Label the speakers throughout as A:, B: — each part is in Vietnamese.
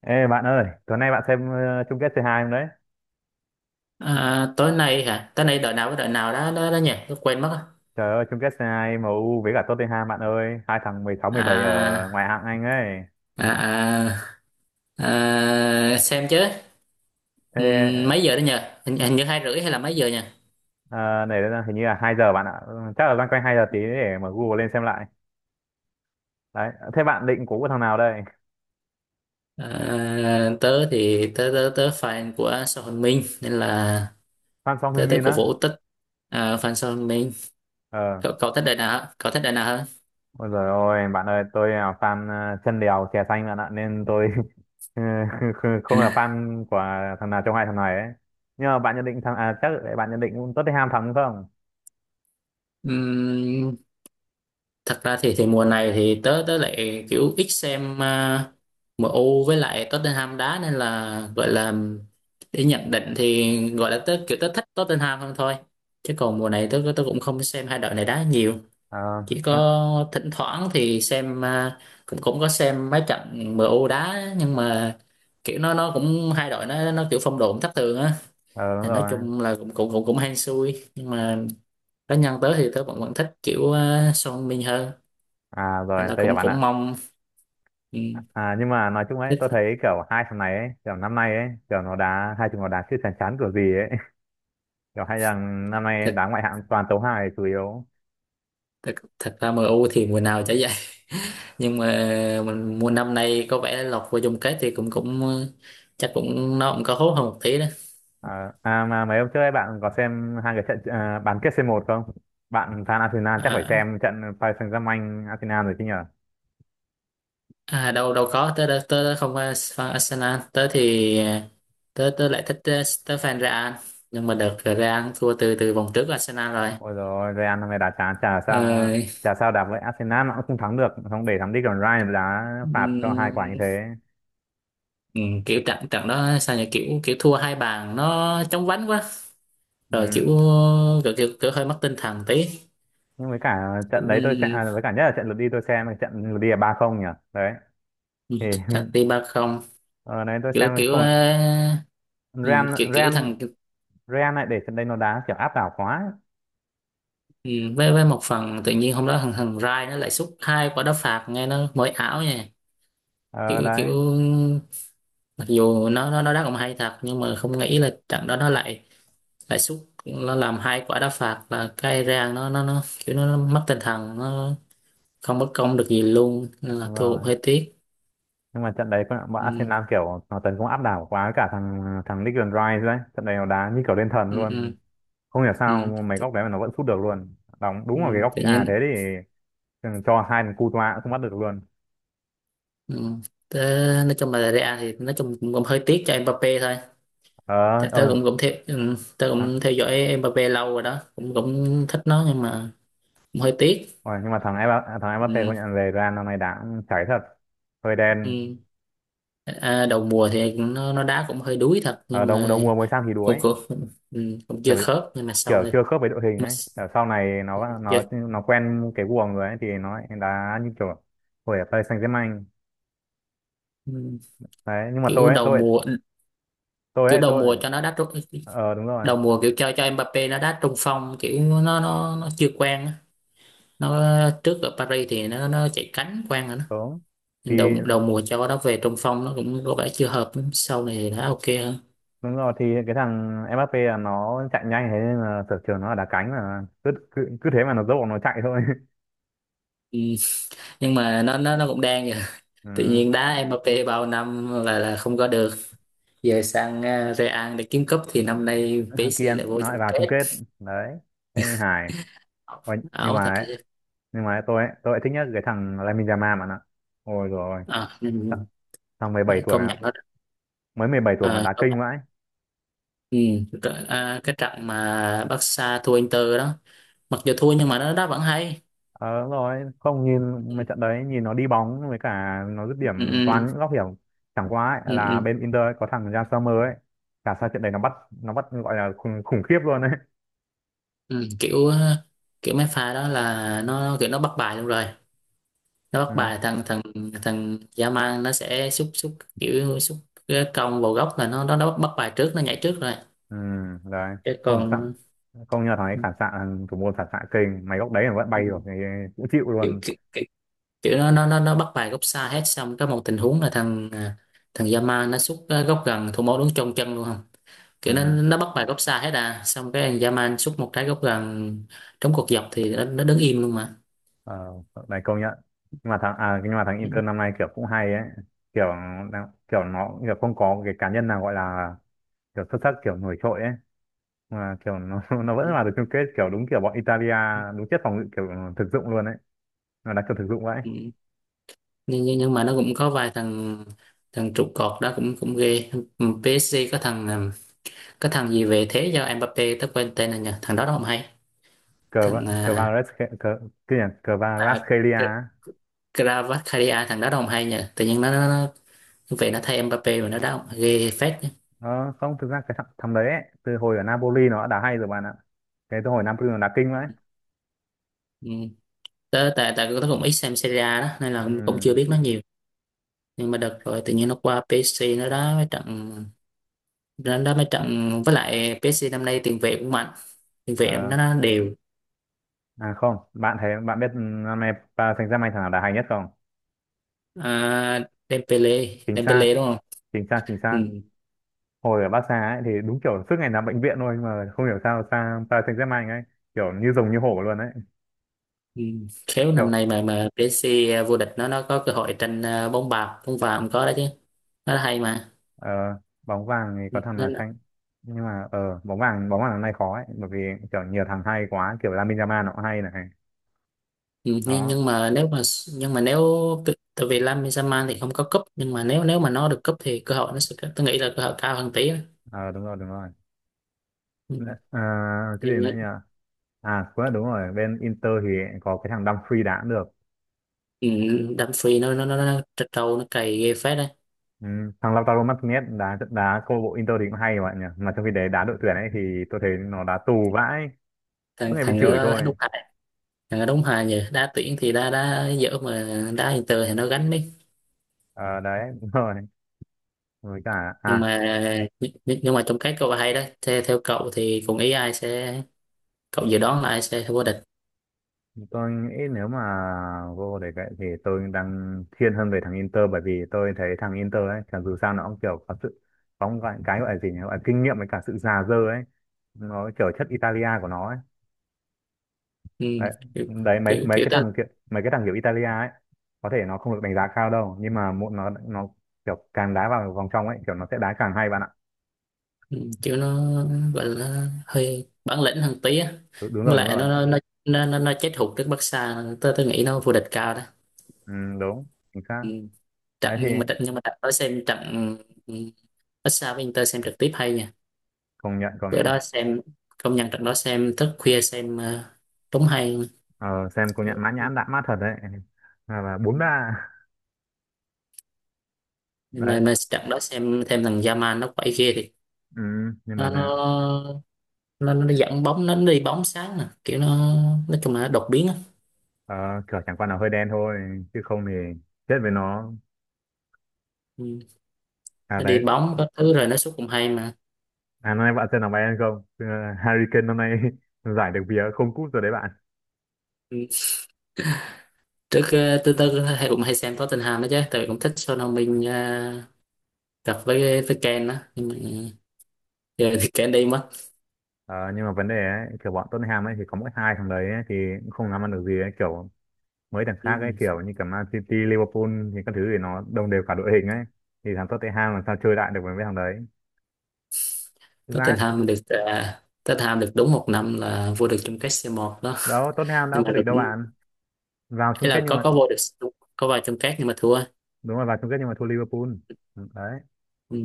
A: Ê bạn ơi, tối nay bạn xem chung kết C2 không đấy?
B: À, tối nay hả? Tối nay đợi nào với đợi nào đó đó, đó nhỉ? Tôi quên mất á.
A: Trời ơi, chung kết C2 U với cả Tottenham bạn ơi, hai thằng 16, 17 ở
B: À,
A: ngoại hạng Anh ấy.
B: à, à, à, xem chứ.
A: Thế,
B: Mấy giờ đó nhỉ? Hình như hai rưỡi hay là mấy giờ nhỉ?
A: ờ, này là hình như là 2 giờ bạn ạ. Ừ, chắc là loanh quanh 2 giờ tí để mở Google lên xem lại. Đấy, thế bạn định cố của thằng nào đây?
B: À, tớ thì tớ tớ tớ fan của Sao Hồn Minh nên là
A: Fan Song
B: tớ tớ
A: Heung-min
B: cổ vũ
A: á?
B: Tích, à, fan Sao Hồn Minh.
A: Ờ.
B: Cậu cậu thích đợi nào? Cậu thích đợi nào
A: Ôi giời ơi, bạn ơi, tôi là fan chân đèo chè xanh bạn ạ nên tôi không là fan của thằng nào trong hai thằng này ấy. Nhưng mà bạn nhận định thằng à chắc là bạn nhận định Tottenham thắng đúng không?
B: hơn? Thật ra thì mùa này thì tớ tớ lại kiểu ít xem, U với lại Tottenham đá nên là gọi là để nhận định thì gọi là tớ kiểu tớ thích Tottenham hơn thôi, chứ còn mùa này tớ tớ cũng không xem hai đội này đá nhiều,
A: Ờ,
B: chỉ có thỉnh thoảng thì xem, cũng cũng có xem mấy trận em U đá nhưng mà kiểu nó cũng hai đội nó kiểu phong độ cũng thất thường á.
A: ờ, đúng
B: Thì nói
A: rồi.
B: chung là cũng cũng cũng cũng hên xui, nhưng mà cá nhân tớ thì tớ vẫn vẫn thích kiểu, à, Son Min hơn,
A: À,
B: nên
A: rồi
B: là
A: tôi hiểu
B: cũng
A: bạn ạ.
B: cũng mong. Ừ,
A: À, nhưng mà nói chung ấy tôi
B: thích
A: thấy kiểu hai thằng này ấy kiểu năm nay ấy kiểu nó đá hai chúng nó đá chứ chán chán kiểu gì ấy. Kiểu hai thằng năm nay đá
B: thật.
A: ngoại hạng toàn tấu hài chủ yếu.
B: Thật ra MU thì mùa nào chả vậy, nhưng mà mình mùa năm nay có vẻ lọt vô chung kết thì cũng cũng ờ, chắc cũng nó cũng có hốt hơn một tí đó.
A: À mà mấy hôm trước ấy bạn có xem hai cái trận bán kết C1 không? Bạn fan Arsenal chắc phải
B: À,
A: xem trận Paris Saint-Germain Arsenal rồi chứ nhở?
B: à, đâu đâu có, tớ tớ, tớ không phải fan Arsenal, tớ thì ờ, tớ tớ lại thích, ờ, tớ fan Real, nhưng mà đợt Real thua từ từ vòng trước Arsenal rồi.
A: Ôi rồi Real năm nay đá chán chả sao,
B: Ờ,
A: chả sao đá với Arsenal nó cũng không thắng được, không để thắng đi còn Ryan đá phạt cho hai quả như
B: ừm,
A: thế.
B: kiểu trận trận đó sao nhỉ, kiểu kiểu thua hai bàn nó chóng vánh quá rồi, kiểu
A: Ừ.
B: kiểu hơi mất tinh thần tí.
A: Nhưng với cả trận
B: kiểu,
A: đấy với cả nhất là trận lượt đi tôi xem trận lượt đi là 3-0 nhỉ. Đấy
B: ừm,
A: thì
B: thằng đi ba không,
A: ở đấy tôi
B: kiểu
A: xem
B: kiểu
A: không.
B: ờ,
A: Real
B: kiểu kiểu
A: Real
B: thằng,
A: Real lại để trận đấy nó đá kiểu áp đảo quá ấy.
B: với một phần tự nhiên hôm đó thằng thằng Rai nó lại sút hai quả đá phạt nghe nó mới ảo nha,
A: Ờ
B: kiểu kiểu
A: đấy,
B: mặc dù nó đá cũng hay thật nhưng mà không nghĩ là trận đó nó lại lại sút nó làm hai quả đá phạt, là cái rang nó kiểu nó mất tinh thần, nó không bất công được gì luôn, nên là
A: đúng
B: thua cũng
A: rồi
B: hơi tiếc.
A: nhưng mà trận đấy bọn
B: Ừ,
A: Arsenal kiểu nó tấn công áp đảo quá với cả thằng thằng Declan Rice đấy trận đấy nó đá như kiểu lên thần
B: ừ, ừ,
A: luôn. Không hiểu sao
B: ừ.
A: mấy góc đấy mà nó vẫn sút được luôn, đóng
B: Ừ,
A: đúng vào cái góc
B: tự
A: chữ A thế
B: nhiên.
A: thì ừ, cho hai thằng Courtois cũng không bắt được luôn.
B: Ừ. Tớ, nói chung là Real thì nói chung cũng hơi tiếc cho Mbappé thôi,
A: ờ
B: tại tớ
A: ờ
B: cũng cũng theo, ừ, tớ cũng theo dõi Mbappé lâu rồi đó, cũng cũng thích nó nhưng mà cũng hơi tiếc.
A: Ôi, nhưng mà thằng Mbappe công
B: Ừ.
A: nhận về Real năm nay đã cháy thật, hơi đen.
B: Ừ. À, đầu mùa thì nó đá cũng hơi đuối thật,
A: Ở
B: nhưng
A: đầu đầu
B: mà
A: mùa mới sang thì
B: cũng
A: đuối,
B: cũng, ừ, cũng
A: kiểu
B: chưa khớp, nhưng mà sau
A: kiểu
B: này,
A: chưa khớp với đội hình
B: nhưng mà
A: ấy, ở sau này
B: ừ,
A: nó
B: chưa,
A: nó nó quen cái guồng rồi ấy thì nó lại đá như kiểu hồi ở Paris Saint-Germain.
B: ừ,
A: Đấy nhưng mà
B: kiểu
A: tôi ấy
B: đầu
A: tôi
B: mùa,
A: tôi
B: kiểu
A: ấy
B: đầu
A: tôi
B: mùa cho nó đá trung,
A: ờ đúng rồi
B: đầu mùa kiểu cho Mbappé nó đá trung phong, kiểu nó chưa quen á, nó trước ở Paris thì nó chạy cánh quang rồi đó,
A: đúng thì
B: nhưng đầu đầu mùa cho nó về trung phong nó cũng có vẻ chưa hợp lắm. Sau này thì nó ok hơn.
A: đúng rồi thì cái thằng Mbappe là nó chạy nhanh thế nên là sở trường nó là đá cánh mà cứ cứ, cứ thế mà nó dốc nó chạy thôi.
B: Ừ. Nhưng mà nó cũng đang vậy, tự
A: Ừ.
B: nhiên đá Mbappé bao năm là không có được, giờ sang ờ, Real để kiếm cúp thì năm nay
A: Thằng kia
B: PSG lại vô
A: nó
B: chung
A: lại vào chung
B: kết.
A: kết. Đấy thế mới hài. Ôi, nhưng
B: Ảo
A: mà
B: thật
A: ấy,
B: chứ.
A: nhưng mà ấy, tôi ấy thích nhất cái thằng Lamine Yamal mà nó. Ôi rồi
B: À, ừ. Ừ.
A: thằng 17
B: Để
A: tuổi mà
B: công nhận nó,
A: mới 17 tuổi mà
B: à,
A: đá
B: công
A: kinh
B: nhận.
A: vãi.
B: Ừ. Rồi, à, cái trận mà Barca thua Inter đó, mặc dù thua nhưng mà nó đá vẫn hay.
A: Ờ đúng rồi, không nhìn mấy
B: Ừ,
A: trận đấy nhìn nó đi bóng với cả nó dứt điểm toàn
B: ừ,
A: những góc hiểm. Chẳng qua
B: ừ,
A: ấy,
B: ừ.
A: là
B: Ừ.
A: bên Inter ấy, có thằng Jan Sommer ấy, cả sao trận đấy nó bắt gọi là khủng khiếp luôn ấy.
B: Ừ, kiểu mấy pha đó là nó kiểu nó bắt bài luôn rồi, nó bắt
A: ừ,
B: bài thằng thằng thằng dã, nó sẽ xúc xúc kiểu xúc cái cong vào góc là nó bắt bắt bài trước, nó nhảy trước rồi
A: ừ đấy
B: cái
A: không phản xạ,
B: còn,
A: công nhận là thằng ấy
B: ừ,
A: phản xạ, thằng thủ môn phản xạ kinh mấy góc đấy mà vẫn
B: ừ,
A: bay được thì cũng chịu
B: kiểu
A: luôn.
B: kiểu, kiểu kiểu nó bắt bài góc xa hết xong có một tình huống là thằng, à, thằng dã nó xúc ờ, góc gần thủ môn đứng trong chân luôn không, kiểu nó
A: Ừ.
B: nó bắt bài góc xa hết à xong cái thằng dã xúc một trái góc gần, trúng cột dọc thì nó đứng im luôn mà.
A: Ờ, này công nhận. Nhưng mà thằng à nhưng mà thằng
B: Ừ,
A: Inter năm nay kiểu cũng hay ấy, kiểu kiểu nó kiểu không có cái cá nhân nào gọi là kiểu xuất sắc kiểu nổi trội ấy, mà kiểu nó nó
B: ừ,
A: vẫn là được chung kết kiểu đúng kiểu bọn Italia
B: ừ.
A: đúng chất phòng ngự kiểu thực dụng luôn ấy, nó đá kiểu thực dụng vậy.
B: Ừ. nhưng mà nó cũng có vài thằng, trụ cột đó cũng cũng ghê. Ừ, PSG có thằng, có thằng gì về thế do Mbappe tớ quên tên rồi nhỉ, thằng đó đâu không hay.
A: cờ
B: Thằng à,
A: Cavaras, cờ cái gì nhỉ?
B: à,
A: Kvaratskhelia
B: Kr-,
A: á.
B: Kvaratskhelia, thằng đó đâu không hay nhỉ, tự nhiên nó về nó thay Mbappe mà nó đá không ghê phết nhỉ.
A: Ờ, không thực ra cái thằng đấy ấy, từ hồi ở Napoli nó đã đá hay rồi bạn ạ, cái từ hồi Napoli nó đá kinh vậy.
B: Ừ. Tớ tại tại tớ cũng ít xem Serie A đó nên là cũng
A: Ừ.
B: chưa biết nó nhiều, nhưng mà đợt rồi tự nhiên nó qua PSG nó đá mấy trận, nó đá mấy trận với lại PSG năm nay tiền vệ cũng mạnh, tiền vệ
A: Ờ.
B: nó đều.
A: À không, bạn biết năm nay Paris Saint-Germain thằng nào đá hay nhất không?
B: À, Dembele
A: Chính xác,
B: Dembele đúng không.
A: chính xác, chính
B: Ừ.
A: xác. Hồi ở Barca ấy thì đúng kiểu suốt ngày nằm bệnh viện thôi mà không hiểu sao sang Paris Saint-Germain ấy, kiểu như rồng như hổ luôn ấy.
B: Ừ. Khéo năm
A: Kiểu,
B: nay mà PSG vô địch nó có cơ hội tranh, à, bóng bạc bóng vàng có đó chứ, nó hay mà.
A: ờ, bóng vàng thì
B: Ừ,
A: có thằng nào
B: nên
A: xanh. Nhưng mà bóng vàng năm nay khó ấy bởi vì kiểu nhiều thằng hay quá, kiểu Lamine Yamal nó cũng hay này.
B: ừ, nhưng
A: Đó,
B: nhưng mà nếu mà, nhưng mà nếu, tự-, tại vì Lam Yamal thì không có cúp, nhưng mà nếu nếu mà nó được cúp thì cơ hội nó sẽ, tôi nghĩ là cơ hội cao hơn tí đó.
A: ờ đúng rồi, đúng rồi.
B: Ừ.
A: À, cái gì
B: Nhưng-
A: nữa
B: nó-,
A: nhỉ? À, cũng là đúng rồi, bên Inter thì có cái thằng Dumfries đá cũng được.
B: ừ, Dumfries nó trật trâu nó cày ghê phết đấy.
A: Ừ, thằng Lautaro Martinez đá đá câu lạc bộ Inter thì cũng hay mà nhỉ, mà trong khi đấy đá đội tuyển ấy thì tôi thấy nó đá tù vãi,
B: thằng
A: cứ ngày bị
B: thằng
A: chửi
B: đó đúng
A: thôi.
B: hài, thằng đó đúng hài nhờ, đá tuyển thì đá đá dở mà đá Inter thì nó gánh.
A: Ờ đấy, đúng rồi. Với cả
B: Nhưng
A: à,
B: mà nhưng mà trong các câu hay đó, theo cậu thì cùng ý ai sẽ, cậu dự đoán là ai sẽ vô địch.
A: tôi nghĩ nếu mà vô để vậy thì tôi đang thiên hơn về thằng Inter bởi vì tôi thấy thằng Inter ấy chẳng dù sao nó cũng kiểu có một cái gọi là gì nhỉ, gọi là kinh nghiệm với cả sự già dơ ấy, nó kiểu chất Italia của nó ấy.
B: Ừ,
A: đấy
B: kiểu
A: đấy mấy
B: kiểu
A: mấy
B: kiểu,
A: cái
B: tới,
A: thằng kiểu mấy cái thằng kiểu Italia ấy. Có thể nó không được đánh giá cao đâu nhưng mà muộn nó kiểu càng đá vào vòng trong ấy kiểu nó sẽ đá càng hay bạn ạ.
B: ừ, kiểu nó gọi là hơi bản lĩnh hơn tí á,
A: Đúng, đúng rồi
B: với
A: đúng
B: lại
A: rồi.
B: nó nó chết hụt trước Barca, tôi nghĩ nó vô địch cao đó.
A: Ừ, đúng chính xác.
B: Ừ.
A: Đấy
B: trận
A: thì
B: nhưng mà trận nhưng mà trận đó xem trận, ừ, Barca với Inter xem trực tiếp hay nha,
A: công nhận, công
B: bữa
A: nhận.
B: đó xem, công nhận trận đó xem thức khuya xem, ờ, đúng hay.
A: Ờ, xem công nhận mã
B: Kiểu-,
A: nhãn đã mát thật đấy. À, và 4-3 đấy.
B: mà trận đó xem thêm thằng Yaman nó quậy ghê thì
A: Ừ, nhưng mà
B: nó nó
A: là
B: nó đi dẫn bóng, nó đi bóng sáng nè kiểu nó, nói chung là nó đột biến á.
A: ờ, kiểu chẳng qua là hơi đen thôi chứ không thì chết với nó.
B: Ừ.
A: À
B: Nó
A: đấy.
B: đi bóng có thứ rồi nó sút cũng hay mà.
A: À, năm nay bạn xem là Bayern không? Ừ, Harry Kane năm nay giải được vía không cúp rồi đấy bạn.
B: Ừ. Trước ờ, tư tư hay cũng hay xem Tottenham đó chứ, tại vì cũng thích Son Heung-min, ờ, cặp với Kane đó nhưng mà giờ thì Kane đi mất.
A: Ờ, nhưng mà vấn đề ấy, kiểu bọn Tottenham ấy thì có mỗi hai thằng đấy ấy, thì cũng không làm ăn được gì ấy. Kiểu mấy thằng khác ấy
B: Ừ.
A: kiểu như cả Man City, Liverpool thì các thứ thì nó đồng đều cả đội hình ấy thì thằng Tottenham làm sao chơi lại được với mấy thằng đấy thực ra ấy.
B: Tottenham được, ờ, Tottenham được đúng một năm là vô địch chung kết c một đó,
A: Đó Tottenham đã
B: nhưng mà
A: vô địch
B: rồi
A: đâu
B: cũng,
A: bạn, vào chung
B: ấy
A: kết
B: là
A: nhưng
B: có
A: mà
B: có vô địch, có vào chung kết nhưng mà thua.
A: đúng rồi vào chung kết nhưng mà thua Liverpool. Ừ, đấy.
B: Ừ.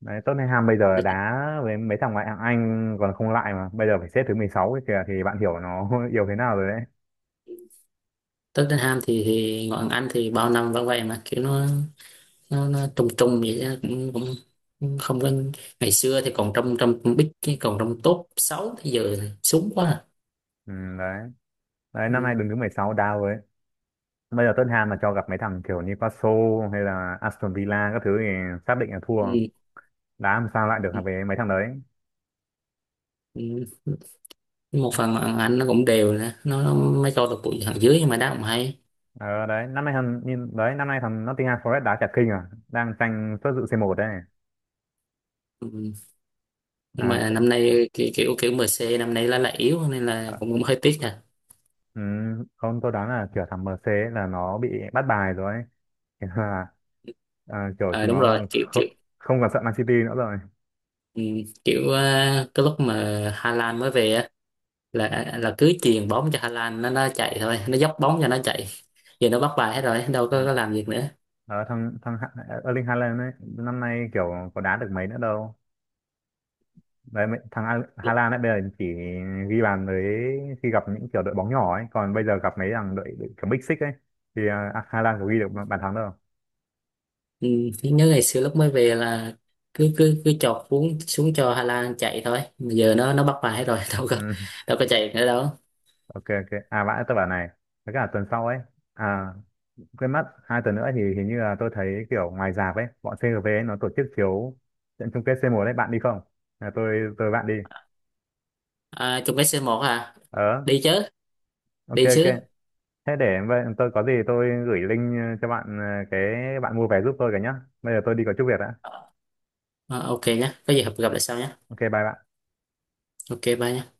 A: Đấy Tottenham bây giờ
B: Nói chung
A: đá với mấy thằng ngoại hạng Anh còn không lại mà bây giờ phải xếp thứ 16 ấy kìa thì bạn hiểu nó yếu thế nào rồi đấy.
B: Tottenham thì ngoại hạng Anh thì bao năm vẫn vậy mà, kiểu nó trung trung vậy đó, cũng cũng cũng không có, ngày xưa thì còn trong trong bít cái còn trong top 6 thì giờ thì xuống quá à.
A: Ừ, đấy đấy năm nay
B: Ừ.
A: đứng thứ 16 đá với. Bây giờ Tottenham mà cho gặp mấy thằng kiểu Newcastle hay là Aston Villa các thứ thì xác định là thua.
B: Ừ.
A: Đá làm sao lại được
B: Ừ.
A: về mấy thằng đấy.
B: Ừ. Một phần là anh nó cũng đều nè nó mới cho được bụi thằng dưới nhưng mà đá cũng hay.
A: Ờ đấy, năm nay thằng Nottingham Forest đá chả kinh à, đang tranh suất dự C1 đấy.
B: Ừ. Nhưng
A: À,
B: mà năm nay ki- kiểu kiểu MC năm nay là yếu nên là
A: à,
B: cũng hơi tiếc nè, à,
A: ừ, không tôi đoán là kiểu thằng MC ấy là nó bị bắt bài rồi ấy. Thế là à, kiểu
B: ờ,
A: chúng
B: đúng
A: nó
B: rồi kiểu
A: không,
B: kiểu
A: không còn sợ Man City nữa rồi.
B: ừ. Kiểu ờ, cái lúc mà Hà Lan mới về á là cứ chuyền bóng cho Hà Lan nó chạy thôi, nó dốc bóng cho nó chạy, giờ nó bắt bài hết rồi đâu
A: Ừ.
B: có làm việc nữa.
A: Đó, thằng thằng Ha- Erling Haaland ấy năm nay kiểu có đá được mấy nữa đâu. Đấy Hà Lan ấy bây giờ chỉ ghi bàn với khi gặp những kiểu đội bóng nhỏ ấy, còn bây giờ gặp mấy thằng đội kiểu Big Six ấy thì à, Hà Lan có ghi được bàn thắng đâu.
B: Ừ, nhớ ngày xưa lúc mới về là cứ cứ cứ chọt xuống xuống cho Hà Lan chạy thôi. Mà giờ nó bắt bài hết rồi đâu có,
A: Ừ.
B: đâu có chạy nữa đâu.
A: Ok, ok, à vãi, tôi bảo này, với cả tuần sau ấy, à quên mất, 2 tuần nữa thì hình như là tôi thấy kiểu ngoài rạp ấy bọn CGV ấy nó tổ chức chiếu trận chung kết C1 đấy bạn đi không? À, tôi bạn đi.
B: À, chung cái c một à,
A: ờ
B: đi chứ,
A: ok,
B: đi
A: ok,
B: chứ.
A: thế để vậy tôi có gì tôi gửi link cho bạn, cái bạn mua vé giúp tôi cả nhá. Bây giờ tôi đi có chút việc đã.
B: Ờ, ok nhé, có gì gặp gặp lại sau nhé.
A: Ok, bye bạn.
B: Ok bye nhé.